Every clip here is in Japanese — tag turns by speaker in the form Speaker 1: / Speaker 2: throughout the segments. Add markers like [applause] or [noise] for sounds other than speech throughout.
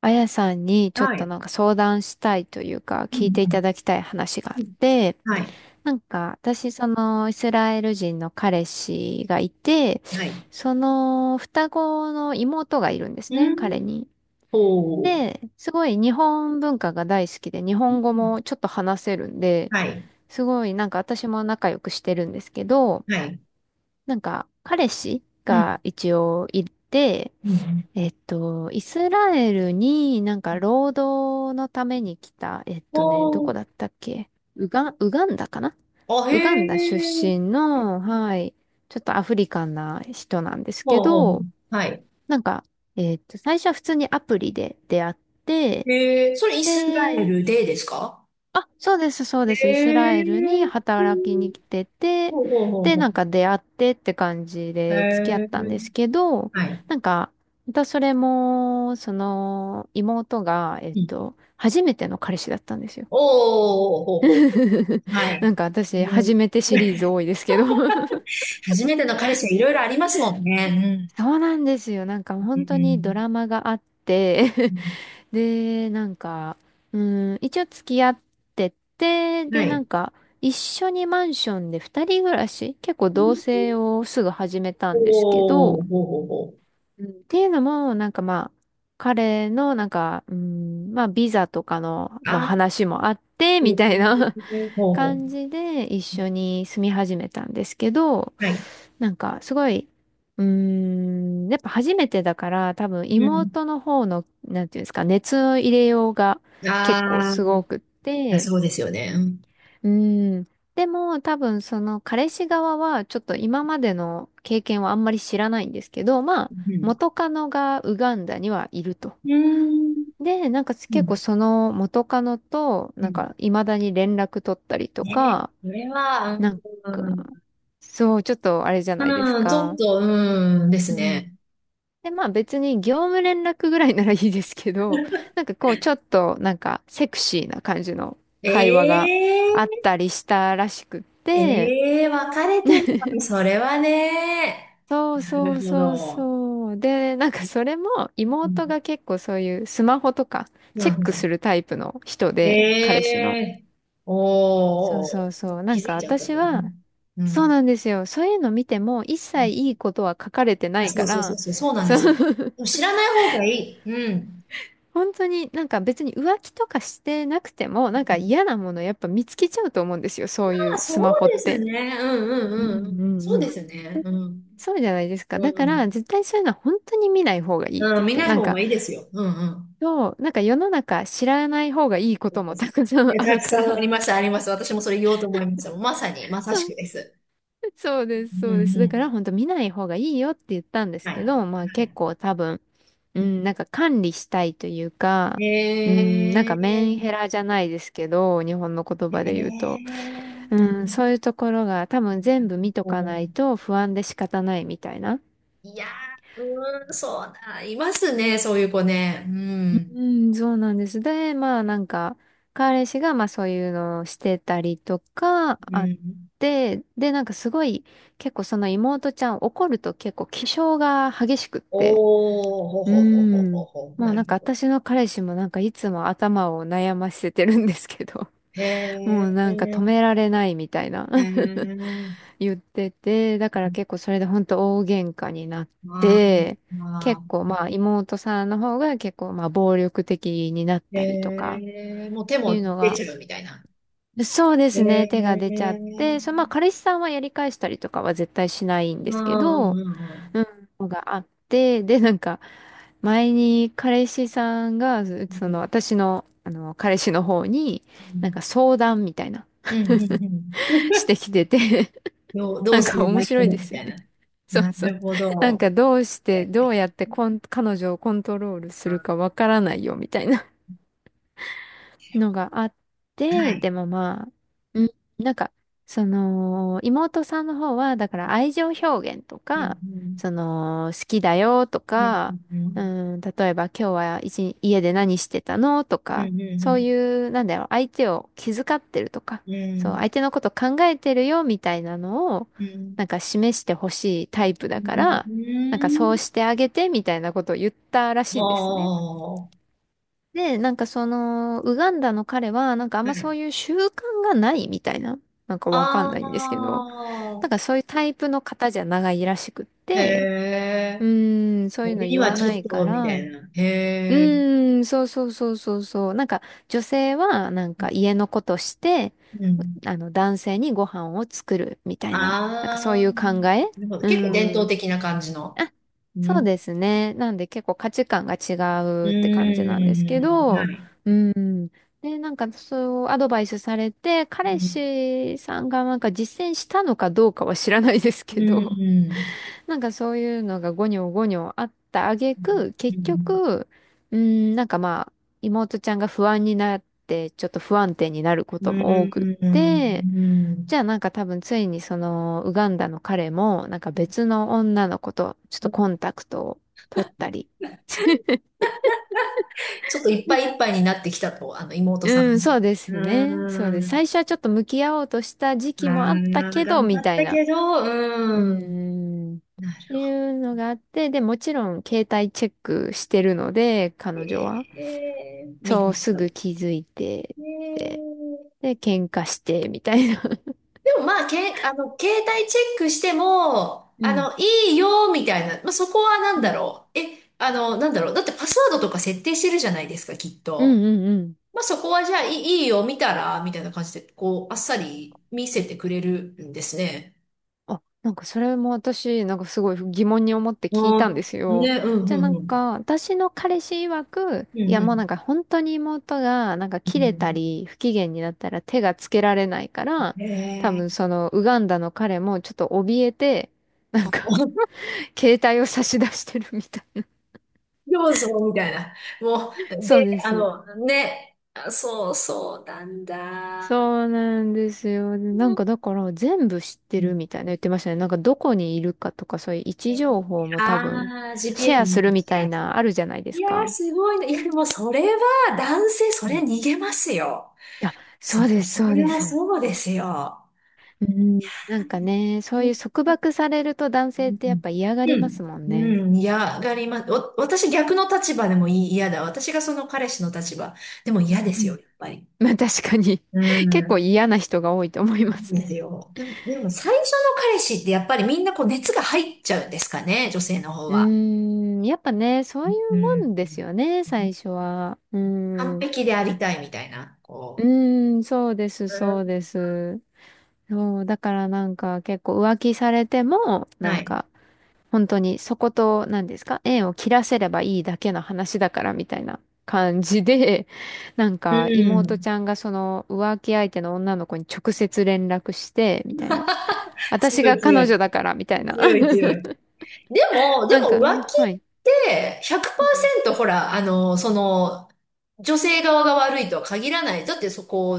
Speaker 1: あやさんにちょっ
Speaker 2: は
Speaker 1: と
Speaker 2: い。
Speaker 1: なんか相談したいというか
Speaker 2: う
Speaker 1: 聞い
Speaker 2: んう
Speaker 1: ていた
Speaker 2: ん
Speaker 1: だきたい話があ
Speaker 2: う
Speaker 1: っ
Speaker 2: ん
Speaker 1: て、
Speaker 2: はい。
Speaker 1: なんか私そのイスラエル人の彼氏がいて、
Speaker 2: はい。
Speaker 1: その双子の妹がいるんです
Speaker 2: う
Speaker 1: ね、彼
Speaker 2: ん。
Speaker 1: に。
Speaker 2: ほう。
Speaker 1: で、すごい日本文化が大好きで日
Speaker 2: う
Speaker 1: 本語
Speaker 2: ん
Speaker 1: もちょっと話せるんで、
Speaker 2: はい。
Speaker 1: すごいなんか私も仲良くしてるんですけど、
Speaker 2: はい。
Speaker 1: なんか彼氏
Speaker 2: うん。
Speaker 1: が一応いて、
Speaker 2: うん。
Speaker 1: イスラエルになん
Speaker 2: う
Speaker 1: か
Speaker 2: ん
Speaker 1: 労働のために来た、ど
Speaker 2: ほ
Speaker 1: こ
Speaker 2: う。
Speaker 1: だったっけウガンダかな。
Speaker 2: あ、へ
Speaker 1: ウガンダ出身
Speaker 2: え。
Speaker 1: の、はい、ちょっとアフリカンな人なんです
Speaker 2: ほ
Speaker 1: け
Speaker 2: うほう。
Speaker 1: ど、
Speaker 2: はい。
Speaker 1: なんか、最初は普通にアプリで出会って、
Speaker 2: へえ。それイスラエ
Speaker 1: で、
Speaker 2: ルでですか？
Speaker 1: あ、そうです、そう
Speaker 2: へ
Speaker 1: です。イスラエルに
Speaker 2: え。
Speaker 1: 働きに来てて、
Speaker 2: ほうほうほう
Speaker 1: で、
Speaker 2: ほ
Speaker 1: な
Speaker 2: う。
Speaker 1: んか出会ってって感じ
Speaker 2: へ
Speaker 1: で付き合ったんで
Speaker 2: え。
Speaker 1: すけど、
Speaker 2: はい。
Speaker 1: なんか、またそれも、その、妹が、
Speaker 2: うん。
Speaker 1: 初めての彼氏だったんですよ。
Speaker 2: おー、ほうほうほ
Speaker 1: [laughs]
Speaker 2: う。は
Speaker 1: な
Speaker 2: い。
Speaker 1: んか私、
Speaker 2: うん。
Speaker 1: 初めてシリーズ多い
Speaker 2: [laughs]
Speaker 1: ですけど。 [laughs]
Speaker 2: 初めての彼氏はいろいろありますもんね。
Speaker 1: そうなんですよ。なんか
Speaker 2: う
Speaker 1: 本
Speaker 2: ん。う
Speaker 1: 当にド
Speaker 2: ん。
Speaker 1: ラ
Speaker 2: う
Speaker 1: マがあって、
Speaker 2: ん。うん
Speaker 1: で、なんか、う一応付き合ってて、
Speaker 2: は
Speaker 1: で、な
Speaker 2: い。
Speaker 1: んか、一緒にマンションで二人暮らし、結構同棲をすぐ始めたんですけ
Speaker 2: お
Speaker 1: ど、
Speaker 2: お、ほうほうほ
Speaker 1: うんっていうのも、なんかまあ、彼の、なんか、まあ、ビザとかの、
Speaker 2: う。
Speaker 1: まあ、
Speaker 2: ああ、そ
Speaker 1: 話もあって、
Speaker 2: ういう
Speaker 1: み
Speaker 2: こ
Speaker 1: たいな
Speaker 2: とねほうほ
Speaker 1: 感じで一緒に住み始めたんですけど、
Speaker 2: う。はい。
Speaker 1: なんかすごい、やっぱ初めてだから多分
Speaker 2: うん。
Speaker 1: 妹の方の、なんていうんですか、熱の入れようが結構
Speaker 2: あ
Speaker 1: すごくっ
Speaker 2: あ、
Speaker 1: て、
Speaker 2: そうですよね。うん。
Speaker 1: うーん、でも多分その彼氏側はちょっと今までの経験はあんまり知らないんですけど、まあ
Speaker 2: うん。
Speaker 1: 元カノがウガンダにはいると。
Speaker 2: うーん。
Speaker 1: で、なんか
Speaker 2: う
Speaker 1: 結構
Speaker 2: ん。
Speaker 1: その元カノと、
Speaker 2: う
Speaker 1: なん
Speaker 2: ん
Speaker 1: か未だに連絡取ったりと
Speaker 2: ね。
Speaker 1: か、
Speaker 2: それは、
Speaker 1: なんか、
Speaker 2: うん。
Speaker 1: そう、ちょっとあれじゃないです
Speaker 2: うん、ちょっ
Speaker 1: か。
Speaker 2: と、うん、です
Speaker 1: う
Speaker 2: ね。
Speaker 1: ん。で、まあ別に業務連絡ぐらいならいいですけど、[laughs] なんかこうちょっとなんかセクシーな感じの
Speaker 2: え
Speaker 1: 会話があっ
Speaker 2: えー
Speaker 1: たりしたらしくって、
Speaker 2: ええー分かれてるのに、それはね。
Speaker 1: そう
Speaker 2: な
Speaker 1: そ
Speaker 2: る
Speaker 1: う
Speaker 2: ほ
Speaker 1: そう
Speaker 2: ど。
Speaker 1: そう。で、なんかそれも
Speaker 2: う
Speaker 1: 妹
Speaker 2: ん。
Speaker 1: が結構そういうスマホとか
Speaker 2: う
Speaker 1: チェ
Speaker 2: ん
Speaker 1: ック
Speaker 2: うん
Speaker 1: するタイプの人で、
Speaker 2: え
Speaker 1: 彼氏の。
Speaker 2: え
Speaker 1: そ
Speaker 2: お
Speaker 1: うそ
Speaker 2: おー、
Speaker 1: うそう。な
Speaker 2: 気
Speaker 1: ん
Speaker 2: づ
Speaker 1: か
Speaker 2: いちゃった
Speaker 1: 私
Speaker 2: と。う
Speaker 1: は、
Speaker 2: ん。う
Speaker 1: そう
Speaker 2: ん。
Speaker 1: なんですよ。そういうの見ても一切いいことは書かれてな
Speaker 2: あ、
Speaker 1: い
Speaker 2: そ
Speaker 1: か
Speaker 2: うそうそ
Speaker 1: ら、
Speaker 2: うそう、そうなん
Speaker 1: そ
Speaker 2: で
Speaker 1: う。
Speaker 2: すよ。でも
Speaker 1: [laughs]
Speaker 2: 知らない方がいい。うん。
Speaker 1: 本当になんか別に浮気とかしてなくても、なんか嫌なものやっぱ見つけちゃうと思うんですよ。そうい
Speaker 2: あ、
Speaker 1: うスマ
Speaker 2: そう
Speaker 1: ホっ
Speaker 2: です
Speaker 1: て。
Speaker 2: ね。うんうん
Speaker 1: うん
Speaker 2: うんう
Speaker 1: う
Speaker 2: ん。
Speaker 1: ん
Speaker 2: そ
Speaker 1: う
Speaker 2: うで
Speaker 1: ん。
Speaker 2: すね。うん。
Speaker 1: そうじゃないですか。だ
Speaker 2: う
Speaker 1: から、
Speaker 2: ん。
Speaker 1: 絶対そういうのは本当に見ない方がいいっ
Speaker 2: う
Speaker 1: て言
Speaker 2: ん、
Speaker 1: っ
Speaker 2: 見
Speaker 1: て、
Speaker 2: ない
Speaker 1: なん
Speaker 2: 方
Speaker 1: か、
Speaker 2: がいいですよ。うんうん。
Speaker 1: そう、なんか世の中知らない方がいいこともたくさ
Speaker 2: え、
Speaker 1: んあ
Speaker 2: た
Speaker 1: る
Speaker 2: く
Speaker 1: か
Speaker 2: さんあ
Speaker 1: ら、
Speaker 2: ります、あります。私もそれ言おうと思いました。まさに、ま
Speaker 1: [laughs]
Speaker 2: さし
Speaker 1: そ
Speaker 2: く
Speaker 1: う。
Speaker 2: です。
Speaker 1: [laughs] そうです、
Speaker 2: う
Speaker 1: そうで
Speaker 2: ん
Speaker 1: す。
Speaker 2: う
Speaker 1: だか
Speaker 2: ん。
Speaker 1: ら本当見ない方がいいよって言ったんです
Speaker 2: はい。
Speaker 1: け
Speaker 2: は
Speaker 1: ど、まあ結構多分、うん、なんか管理したいというか、
Speaker 2: い。
Speaker 1: うん、なんかメンヘラじゃないですけど、日本の言葉で言うと、う
Speaker 2: え
Speaker 1: そういうところが多分全部見とか
Speaker 2: う
Speaker 1: ない
Speaker 2: ん。
Speaker 1: と不安で仕方ないみたいな。
Speaker 2: いやー、うーん、そうだ、いますね、そういう子ね。うん。
Speaker 1: うん、そうなんです。で、まあなんか、彼氏がまあそういうのをしてたりとか
Speaker 2: う
Speaker 1: あっ
Speaker 2: ん。
Speaker 1: て、で、なんかすごい、結構その妹ちゃん怒ると結構気性が激しくっ
Speaker 2: お
Speaker 1: て、
Speaker 2: おほ
Speaker 1: う
Speaker 2: ほほほ
Speaker 1: ー
Speaker 2: ほ
Speaker 1: ん。
Speaker 2: ほ
Speaker 1: も
Speaker 2: な
Speaker 1: うな
Speaker 2: る
Speaker 1: ん
Speaker 2: ほ
Speaker 1: か
Speaker 2: ど
Speaker 1: 私の彼氏もなんかいつも頭を悩ませてるんですけど、
Speaker 2: へ
Speaker 1: [laughs] も
Speaker 2: え
Speaker 1: うなんか止められないみたいな。 [laughs] 言ってて、だから結構それでほんと大喧嘩になっ
Speaker 2: ま
Speaker 1: て、結
Speaker 2: あ
Speaker 1: 構まあ妹さんの方が結構まあ暴力的になったりと
Speaker 2: え
Speaker 1: か
Speaker 2: えもう手
Speaker 1: いう
Speaker 2: も
Speaker 1: の
Speaker 2: 出
Speaker 1: が、
Speaker 2: ちゃうみたいな
Speaker 1: そうですね、手が
Speaker 2: え
Speaker 1: 出ちゃって、そ、
Speaker 2: え
Speaker 1: まあ彼氏さんはやり返したりとかは絶対しないんで
Speaker 2: ま
Speaker 1: すけ
Speaker 2: あう
Speaker 1: ど、
Speaker 2: ん
Speaker 1: うんのがあって、で、なんか、前に彼氏さんが、その、
Speaker 2: う
Speaker 1: 私の、あの、彼氏の方に、
Speaker 2: ん
Speaker 1: なんか相談みたいな、
Speaker 2: うんうんうんうんうん
Speaker 1: [laughs] してきてて、
Speaker 2: どう
Speaker 1: なん
Speaker 2: す
Speaker 1: か
Speaker 2: れば
Speaker 1: 面
Speaker 2: い
Speaker 1: 白い
Speaker 2: い
Speaker 1: で
Speaker 2: み
Speaker 1: すよ
Speaker 2: たい
Speaker 1: ね。
Speaker 2: な
Speaker 1: そう
Speaker 2: な
Speaker 1: そう。
Speaker 2: るほ
Speaker 1: なん
Speaker 2: ど
Speaker 1: かどうして、どうやって彼女をコントロールするかわからないよ、みたいな。のがあっ
Speaker 2: は
Speaker 1: て、
Speaker 2: い
Speaker 1: でもまあ、うん。なんか、その、妹さんの方は、だから愛情表現と
Speaker 2: うん
Speaker 1: か、
Speaker 2: うん
Speaker 1: その、好きだよと
Speaker 2: うん
Speaker 1: か、
Speaker 2: う
Speaker 1: う
Speaker 2: ん
Speaker 1: 例えば今日は一日家で何してたのと
Speaker 2: う
Speaker 1: か、そう
Speaker 2: ん
Speaker 1: いう、なんだろう、相手を気遣ってるとか、
Speaker 2: うんうんう
Speaker 1: そう、
Speaker 2: ん
Speaker 1: 相手のこと考えてるよみたいなのを、
Speaker 2: うん
Speaker 1: なんか示してほしいタイプ
Speaker 2: う
Speaker 1: だか
Speaker 2: ん
Speaker 1: ら、なんかそう
Speaker 2: うん
Speaker 1: してあげてみたいなことを言ったらし
Speaker 2: お
Speaker 1: いんですね。
Speaker 2: お
Speaker 1: で、なんかその、ウガンダの彼は、なんかあん
Speaker 2: は
Speaker 1: まそう
Speaker 2: い。
Speaker 1: いう習慣がないみたいな、なんかわか
Speaker 2: あ
Speaker 1: んないんですけど、
Speaker 2: あ、
Speaker 1: なんかそういうタイプの方じゃないらしくっ
Speaker 2: へ
Speaker 1: て、
Speaker 2: え。
Speaker 1: そういうの
Speaker 2: 俺に
Speaker 1: 言
Speaker 2: は
Speaker 1: わ
Speaker 2: ちょ
Speaker 1: な
Speaker 2: っ
Speaker 1: いか
Speaker 2: と、みた
Speaker 1: ら、
Speaker 2: いな。へえ。
Speaker 1: そうそうそうそうそう、なんか女性はなんか家のことして、
Speaker 2: うん。
Speaker 1: あの、男性にご飯を作るみたいな、なんか
Speaker 2: あ
Speaker 1: そうい
Speaker 2: あ、な
Speaker 1: う考え、
Speaker 2: るほど。
Speaker 1: うー
Speaker 2: 結構伝統
Speaker 1: ん。
Speaker 2: 的な感じの。う
Speaker 1: そう
Speaker 2: ん。
Speaker 1: ですね。なんで結構価値観が違
Speaker 2: う
Speaker 1: うって感じなんですけ
Speaker 2: ーん。
Speaker 1: ど、
Speaker 2: はい。
Speaker 1: うん。で、なんかそうアドバイスされて、
Speaker 2: う
Speaker 1: 彼
Speaker 2: ん。
Speaker 1: 氏さんがなんか実践したのかどうかは知らないです
Speaker 2: う
Speaker 1: けど、
Speaker 2: ん。
Speaker 1: [laughs] なんかそういうのがゴニョゴニョあった挙
Speaker 2: うん。
Speaker 1: 句、
Speaker 2: う
Speaker 1: 結
Speaker 2: ん。
Speaker 1: 局、うん、なんかまあ、妹ちゃんが不安になって、ちょっと不安定になるこ
Speaker 2: う
Speaker 1: とも多くっ
Speaker 2: ん。
Speaker 1: て、
Speaker 2: う
Speaker 1: じ
Speaker 2: ん
Speaker 1: ゃあなんか多分ついにそのウガンダの彼もなんか別の女の子とちょっとコンタクトを取ったり。
Speaker 2: ちょっといっぱいいっぱいになってきたと、あの、妹
Speaker 1: う
Speaker 2: さ
Speaker 1: ん、
Speaker 2: ん。
Speaker 1: そうで
Speaker 2: う
Speaker 1: すね。そうで
Speaker 2: ー
Speaker 1: す。
Speaker 2: ん。
Speaker 1: 最初はちょっと向き合おうとした時
Speaker 2: あ
Speaker 1: 期もあった
Speaker 2: あ、
Speaker 1: けど、
Speaker 2: 頑張
Speaker 1: み
Speaker 2: っ
Speaker 1: たい
Speaker 2: た
Speaker 1: な。
Speaker 2: けど、
Speaker 1: うー
Speaker 2: うん。
Speaker 1: ん。っ
Speaker 2: なる
Speaker 1: て
Speaker 2: ほど。
Speaker 1: いうのがあって、で、もちろん携帯チェックしてるので、彼女は。
Speaker 2: えーみ
Speaker 1: そう、すぐ気づいて、
Speaker 2: え
Speaker 1: で、
Speaker 2: ー
Speaker 1: で、喧嘩して、みたいな。
Speaker 2: でもまあ、け、あの、携帯チェックしても、
Speaker 1: [laughs] う
Speaker 2: あ
Speaker 1: ん。
Speaker 2: の、いいよ、みたいな。まあ、そこはなん
Speaker 1: う
Speaker 2: だ
Speaker 1: ん。
Speaker 2: ろう。え、あの、なんだろう。だってパスワードとか設定してるじゃないですか、きっ
Speaker 1: う
Speaker 2: と。
Speaker 1: んうんうん。
Speaker 2: まあ、そこはじゃあ、いい、いいよ、見たら、みたいな感じで、こう、あっさり見せてくれるんですね。
Speaker 1: あ、なんかそれも私、なんかすごい疑問に思って
Speaker 2: あ
Speaker 1: 聞いたんです
Speaker 2: あ、
Speaker 1: よ。
Speaker 2: ね、うん、
Speaker 1: じゃあ
Speaker 2: う
Speaker 1: な
Speaker 2: ん、
Speaker 1: ん
Speaker 2: うん。
Speaker 1: か、私の彼氏曰く、
Speaker 2: う
Speaker 1: い
Speaker 2: ん、
Speaker 1: や
Speaker 2: う
Speaker 1: もうなん
Speaker 2: ん。
Speaker 1: か本当に妹がなんか
Speaker 2: う
Speaker 1: 切れた
Speaker 2: ん。
Speaker 1: り不機嫌になったら手がつけられないから、
Speaker 2: え
Speaker 1: 多分
Speaker 2: ー、
Speaker 1: そのウガンダの彼もちょっと怯えて、なんか
Speaker 2: あ
Speaker 1: [laughs] 携帯を差し出してるみたい。
Speaker 2: そうそう、みたいな。もう、
Speaker 1: そう
Speaker 2: で、
Speaker 1: で
Speaker 2: あ
Speaker 1: す。
Speaker 2: の、ね、あそうそうなんだ。
Speaker 1: そうなんですよ。でな
Speaker 2: う
Speaker 1: ん
Speaker 2: ん
Speaker 1: かだから全部知ってるみたいな言ってましたね。なんかどこにいるかとかそういう位置情報も多分
Speaker 2: ああー、
Speaker 1: シ
Speaker 2: GPS
Speaker 1: ェア
Speaker 2: 見
Speaker 1: す
Speaker 2: た
Speaker 1: るみ
Speaker 2: き
Speaker 1: たい
Speaker 2: がすい
Speaker 1: なあるじゃないで
Speaker 2: い
Speaker 1: す
Speaker 2: やー、
Speaker 1: か。
Speaker 2: すごいな。いや、でもそれは、男性、そ
Speaker 1: う
Speaker 2: れ
Speaker 1: ん。
Speaker 2: 逃げますよ。
Speaker 1: あ、そ
Speaker 2: そ
Speaker 1: うです、そう
Speaker 2: れ
Speaker 1: で
Speaker 2: は
Speaker 1: す。
Speaker 2: そうですよ。
Speaker 1: うん、なんかね、そ
Speaker 2: う
Speaker 1: うい
Speaker 2: ん。
Speaker 1: う束縛されると男
Speaker 2: う
Speaker 1: 性ってやっ
Speaker 2: ん
Speaker 1: ぱ嫌が
Speaker 2: う
Speaker 1: りま
Speaker 2: ん。
Speaker 1: すもんね。
Speaker 2: うん、嫌がります。お、私逆の立場でもいい、嫌だ。私がその彼氏の立場でも嫌で
Speaker 1: う
Speaker 2: すよ、
Speaker 1: ん。
Speaker 2: やっぱり。
Speaker 1: まあ確かに、
Speaker 2: う
Speaker 1: [laughs] 結構
Speaker 2: ん。
Speaker 1: 嫌な人が多いと思います
Speaker 2: で
Speaker 1: ね。
Speaker 2: すよ。でも、でも最初の彼氏ってやっぱりみんなこう熱が入っちゃうんですかね、女性の方
Speaker 1: うー
Speaker 2: は。
Speaker 1: やっぱね、そうい
Speaker 2: う
Speaker 1: う
Speaker 2: ん。
Speaker 1: もんですよね、最初は。うー
Speaker 2: 完
Speaker 1: ん、う
Speaker 2: 璧でありたいみたいな、こ
Speaker 1: ーん、そうです、そ
Speaker 2: う。
Speaker 1: う
Speaker 2: う
Speaker 1: です。そう、だからなんか結構浮気されても、
Speaker 2: ん
Speaker 1: な
Speaker 2: は
Speaker 1: ん
Speaker 2: い。
Speaker 1: か本当にそこと、何ですか、縁を切らせればいいだけの話だからみたいな感じで、[laughs] なん
Speaker 2: う
Speaker 1: か妹ち
Speaker 2: ん。
Speaker 1: ゃんがその浮気相手の女の子に直接連絡して、みたいな。
Speaker 2: [laughs]
Speaker 1: 私
Speaker 2: 強
Speaker 1: が
Speaker 2: い強
Speaker 1: 彼女
Speaker 2: い。
Speaker 1: だから、みたいな。[laughs]
Speaker 2: 強い強い。でも、で
Speaker 1: なん
Speaker 2: も
Speaker 1: か、
Speaker 2: 浮気っ
Speaker 1: はい。
Speaker 2: て
Speaker 1: うん。
Speaker 2: 100%ほら、あの、その、女性側が悪いとは限らない。だってそこ、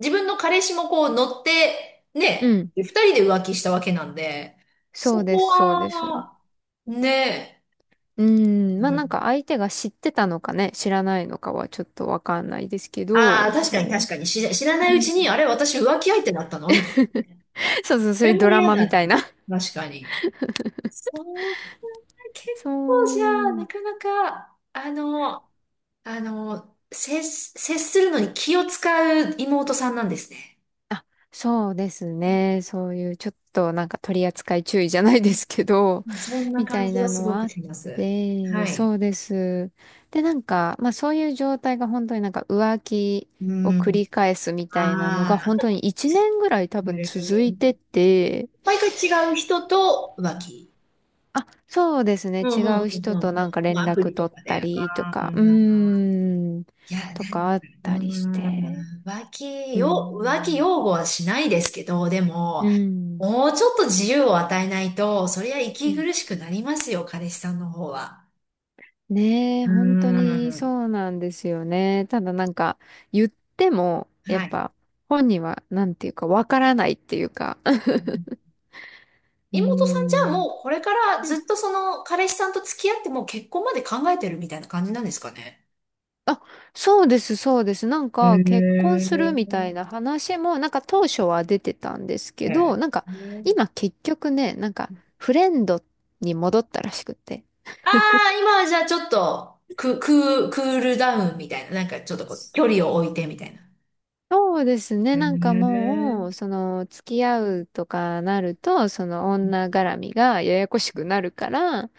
Speaker 2: 自分の彼氏もこう乗って、
Speaker 1: う
Speaker 2: ね、
Speaker 1: ん。
Speaker 2: 二人で浮気したわけなんで、
Speaker 1: そう
Speaker 2: そ
Speaker 1: で
Speaker 2: こ
Speaker 1: す、そうです。
Speaker 2: は、ね、
Speaker 1: うん。まあなんか相手が知ってたのかね、知らないのかはちょっとわかんないですけ
Speaker 2: ああー、
Speaker 1: ど、
Speaker 2: 確
Speaker 1: そ
Speaker 2: かに確
Speaker 1: う。
Speaker 2: かに、知ら
Speaker 1: う
Speaker 2: ないう
Speaker 1: ん。
Speaker 2: ちに、あれ、私浮気相手だったのみたいな。
Speaker 1: そうそう、
Speaker 2: そ
Speaker 1: そういう
Speaker 2: れ
Speaker 1: ド
Speaker 2: も
Speaker 1: ラ
Speaker 2: 嫌
Speaker 1: マみ
Speaker 2: だ
Speaker 1: たいな。[laughs]
Speaker 2: な。確かに。そう、結
Speaker 1: そ
Speaker 2: 構じゃあ、な
Speaker 1: う。
Speaker 2: かなか、あの、あの、接するのに気を使う妹さんなんですね。
Speaker 1: あ、そうです
Speaker 2: ね
Speaker 1: ね。そういうちょっとなんか取り扱い注意じゃない
Speaker 2: う
Speaker 1: で
Speaker 2: ん
Speaker 1: すけど、
Speaker 2: そん
Speaker 1: [laughs]
Speaker 2: な
Speaker 1: みた
Speaker 2: 感
Speaker 1: い
Speaker 2: じは
Speaker 1: な
Speaker 2: す
Speaker 1: の
Speaker 2: ご
Speaker 1: はあ
Speaker 2: く
Speaker 1: っ
Speaker 2: します。
Speaker 1: て、
Speaker 2: はい。
Speaker 1: そうです。で、なんか、まあそういう状態が本当になんか浮気
Speaker 2: う
Speaker 1: を繰
Speaker 2: ん。
Speaker 1: り返すみたいなの
Speaker 2: あ
Speaker 1: が本
Speaker 2: あ。
Speaker 1: 当に1年ぐらい多
Speaker 2: へ
Speaker 1: 分続
Speaker 2: え
Speaker 1: いてて、
Speaker 2: 毎回違う人と浮気。
Speaker 1: あ、そうですね。
Speaker 2: うんう
Speaker 1: 違
Speaker 2: ん
Speaker 1: う
Speaker 2: うんう
Speaker 1: 人
Speaker 2: んう
Speaker 1: と
Speaker 2: ん。
Speaker 1: なんか
Speaker 2: ま
Speaker 1: 連
Speaker 2: あ、アプ
Speaker 1: 絡
Speaker 2: リと
Speaker 1: 取っ
Speaker 2: かで。
Speaker 1: た
Speaker 2: あ
Speaker 1: りと
Speaker 2: あ、
Speaker 1: か、
Speaker 2: いや、な
Speaker 1: と
Speaker 2: ん
Speaker 1: かあったりして。
Speaker 2: うーん、浮気
Speaker 1: う
Speaker 2: よ、浮気
Speaker 1: ん。
Speaker 2: 擁護はしないですけど、で
Speaker 1: う
Speaker 2: も、
Speaker 1: ん。
Speaker 2: もうちょっと自由を与えないと、そりゃ
Speaker 1: う
Speaker 2: 息
Speaker 1: ん。
Speaker 2: 苦しくなりますよ、彼氏さんの方は。
Speaker 1: ねえ、
Speaker 2: うー
Speaker 1: 本当に
Speaker 2: ん。
Speaker 1: そうなんですよね。ただなんか、言っても、やっ
Speaker 2: はい。
Speaker 1: ぱ、本人は、なんていうか、わからないっていうか。[laughs] うー
Speaker 2: 妹さんじゃあ
Speaker 1: ん。
Speaker 2: もうこれから
Speaker 1: う
Speaker 2: ず
Speaker 1: ん。
Speaker 2: っとその彼氏さんと付き合ってもう結婚まで考えてるみたいな感じなんですかね？
Speaker 1: あ、そうです、そうです。なん
Speaker 2: へ
Speaker 1: か、結婚するみたい
Speaker 2: え
Speaker 1: な話も、なんか当初は出てたんですけ
Speaker 2: え
Speaker 1: ど、なんか、
Speaker 2: え。ね
Speaker 1: 今結局ね、なんか、フレンドに戻ったらしくて。
Speaker 2: ああ、今はじゃあちょっと、クールダウンみたいな。なんかちょっとこう、距離を置いてみたいな。
Speaker 1: そうですね。なんか
Speaker 2: え
Speaker 1: もう、
Speaker 2: え
Speaker 1: その、付き合うとかなると、その女絡みがややこしくなるから、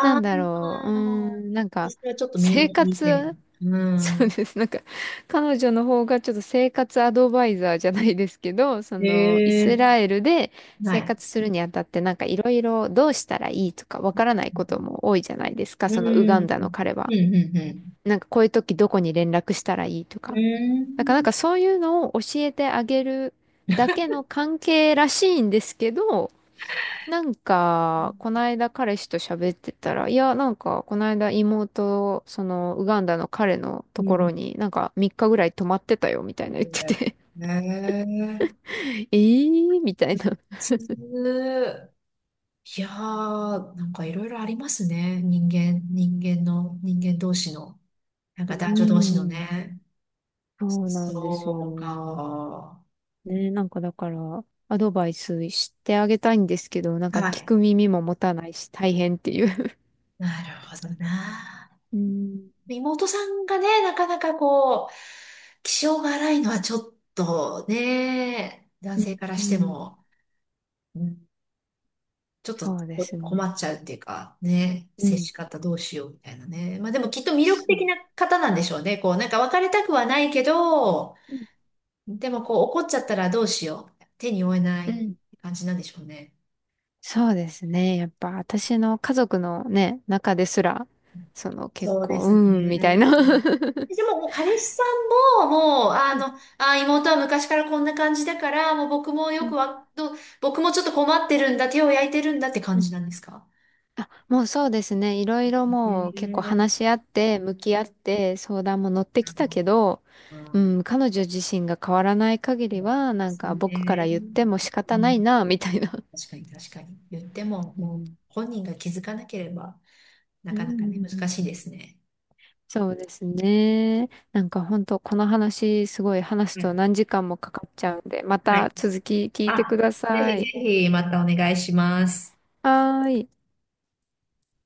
Speaker 1: なんだ
Speaker 2: あ、
Speaker 1: ろう、なんか、
Speaker 2: それはちょっと身を
Speaker 1: 生
Speaker 2: 引いてみる。
Speaker 1: 活、
Speaker 2: う
Speaker 1: [laughs] そう
Speaker 2: ん。
Speaker 1: です。なんか、彼女の方がちょっと生活アドバイザーじゃないですけど、その、イ
Speaker 2: え
Speaker 1: ス
Speaker 2: え
Speaker 1: ラエルで
Speaker 2: は
Speaker 1: 生
Speaker 2: い。
Speaker 1: 活するにあたって、なんかいろいろどうしたらいいとかわからないことも多いじゃないです
Speaker 2: う
Speaker 1: か、そのウガ
Speaker 2: ん。う
Speaker 1: ン
Speaker 2: ん、
Speaker 1: ダの彼は。
Speaker 2: うん、うん。
Speaker 1: なんかこういう時どこに連絡したらいいと
Speaker 2: う
Speaker 1: か。だからなん
Speaker 2: ん。
Speaker 1: かそういうのを教えてあげるだけの関係らしいんですけど、なんか、こないだ彼氏と喋ってたら、いや、なんか、こないだ妹、その、ウガンダの彼のと
Speaker 2: う
Speaker 1: こ
Speaker 2: ん。
Speaker 1: ろに、なんか、3日ぐらい泊まってたよ、みたいな言ってて、
Speaker 2: へえ
Speaker 1: [laughs] えー、みたい
Speaker 2: 普
Speaker 1: な。
Speaker 2: 通。いやー、なんかいろいろありますね。人間、人間の、人間同士の、なん
Speaker 1: う
Speaker 2: か
Speaker 1: ー
Speaker 2: 男女同士の
Speaker 1: ん。
Speaker 2: ね。
Speaker 1: そうなんです
Speaker 2: そう
Speaker 1: よ。
Speaker 2: か。
Speaker 1: ね、なんかだから、アドバイスしてあげたいんですけど、なんか
Speaker 2: は
Speaker 1: 聞
Speaker 2: い。
Speaker 1: く耳も持たないし大変っていう。
Speaker 2: なるほどな。
Speaker 1: うん。
Speaker 2: 妹さんがね、なかなかこう、気性が荒いのはちょっとね、男性から
Speaker 1: う
Speaker 2: して
Speaker 1: ん。
Speaker 2: も、うんちょっと
Speaker 1: そうで
Speaker 2: こ
Speaker 1: す
Speaker 2: 困っ
Speaker 1: ね。
Speaker 2: ちゃうっていうか、ね、
Speaker 1: う
Speaker 2: 接
Speaker 1: ん。
Speaker 2: し方どうしようみたいなね。まあでもきっと魅力
Speaker 1: そ
Speaker 2: 的
Speaker 1: う。
Speaker 2: な方なんでしょうね。こう、なんか別れたくはないけど、
Speaker 1: うん。
Speaker 2: でもこう怒っちゃったらどうしよう。手に負えな
Speaker 1: う
Speaker 2: い
Speaker 1: ん。
Speaker 2: 感じなんでしょうね。
Speaker 1: そうですね。やっぱ私の家族のね、中ですら、その結
Speaker 2: そうで
Speaker 1: 構、う
Speaker 2: す
Speaker 1: ーん、
Speaker 2: ね。
Speaker 1: みたいな。 [laughs]
Speaker 2: でも、もう彼氏さんも、もう、あ
Speaker 1: はい。
Speaker 2: の、あ、妹は昔からこんな感じだから、もう僕も
Speaker 1: [laughs] う
Speaker 2: よく
Speaker 1: ん
Speaker 2: わ、ど僕もちょっと困ってるんだ、手を焼いてるんだって
Speaker 1: う
Speaker 2: 感
Speaker 1: ん。
Speaker 2: じなんですか
Speaker 1: あ、もうそうですね。いろいろもう結構話
Speaker 2: ね
Speaker 1: し合って、向き合って、相談も乗ってきたけど、
Speaker 2: う
Speaker 1: う
Speaker 2: ん、
Speaker 1: ん、彼女自身が変わらない限り
Speaker 2: そうで
Speaker 1: は、なん
Speaker 2: す
Speaker 1: か僕から
Speaker 2: ね。
Speaker 1: 言っても仕
Speaker 2: う
Speaker 1: 方ない
Speaker 2: ん、
Speaker 1: な、みたいな。
Speaker 2: 確かに確かに。言っても、
Speaker 1: う
Speaker 2: もう
Speaker 1: ん。
Speaker 2: 本人が気づかなければ、な
Speaker 1: う
Speaker 2: かなかね、難
Speaker 1: ん。
Speaker 2: しいですね。
Speaker 1: そうですね。なんか本当この話すごい話す
Speaker 2: は
Speaker 1: と
Speaker 2: い。
Speaker 1: 何時間もかかっちゃうんで、ま
Speaker 2: は
Speaker 1: た
Speaker 2: い
Speaker 1: 続き聞いてく
Speaker 2: あ、
Speaker 1: だ
Speaker 2: ぜ
Speaker 1: さ
Speaker 2: ひ
Speaker 1: い。
Speaker 2: ぜひまたお願いします。
Speaker 1: はーい。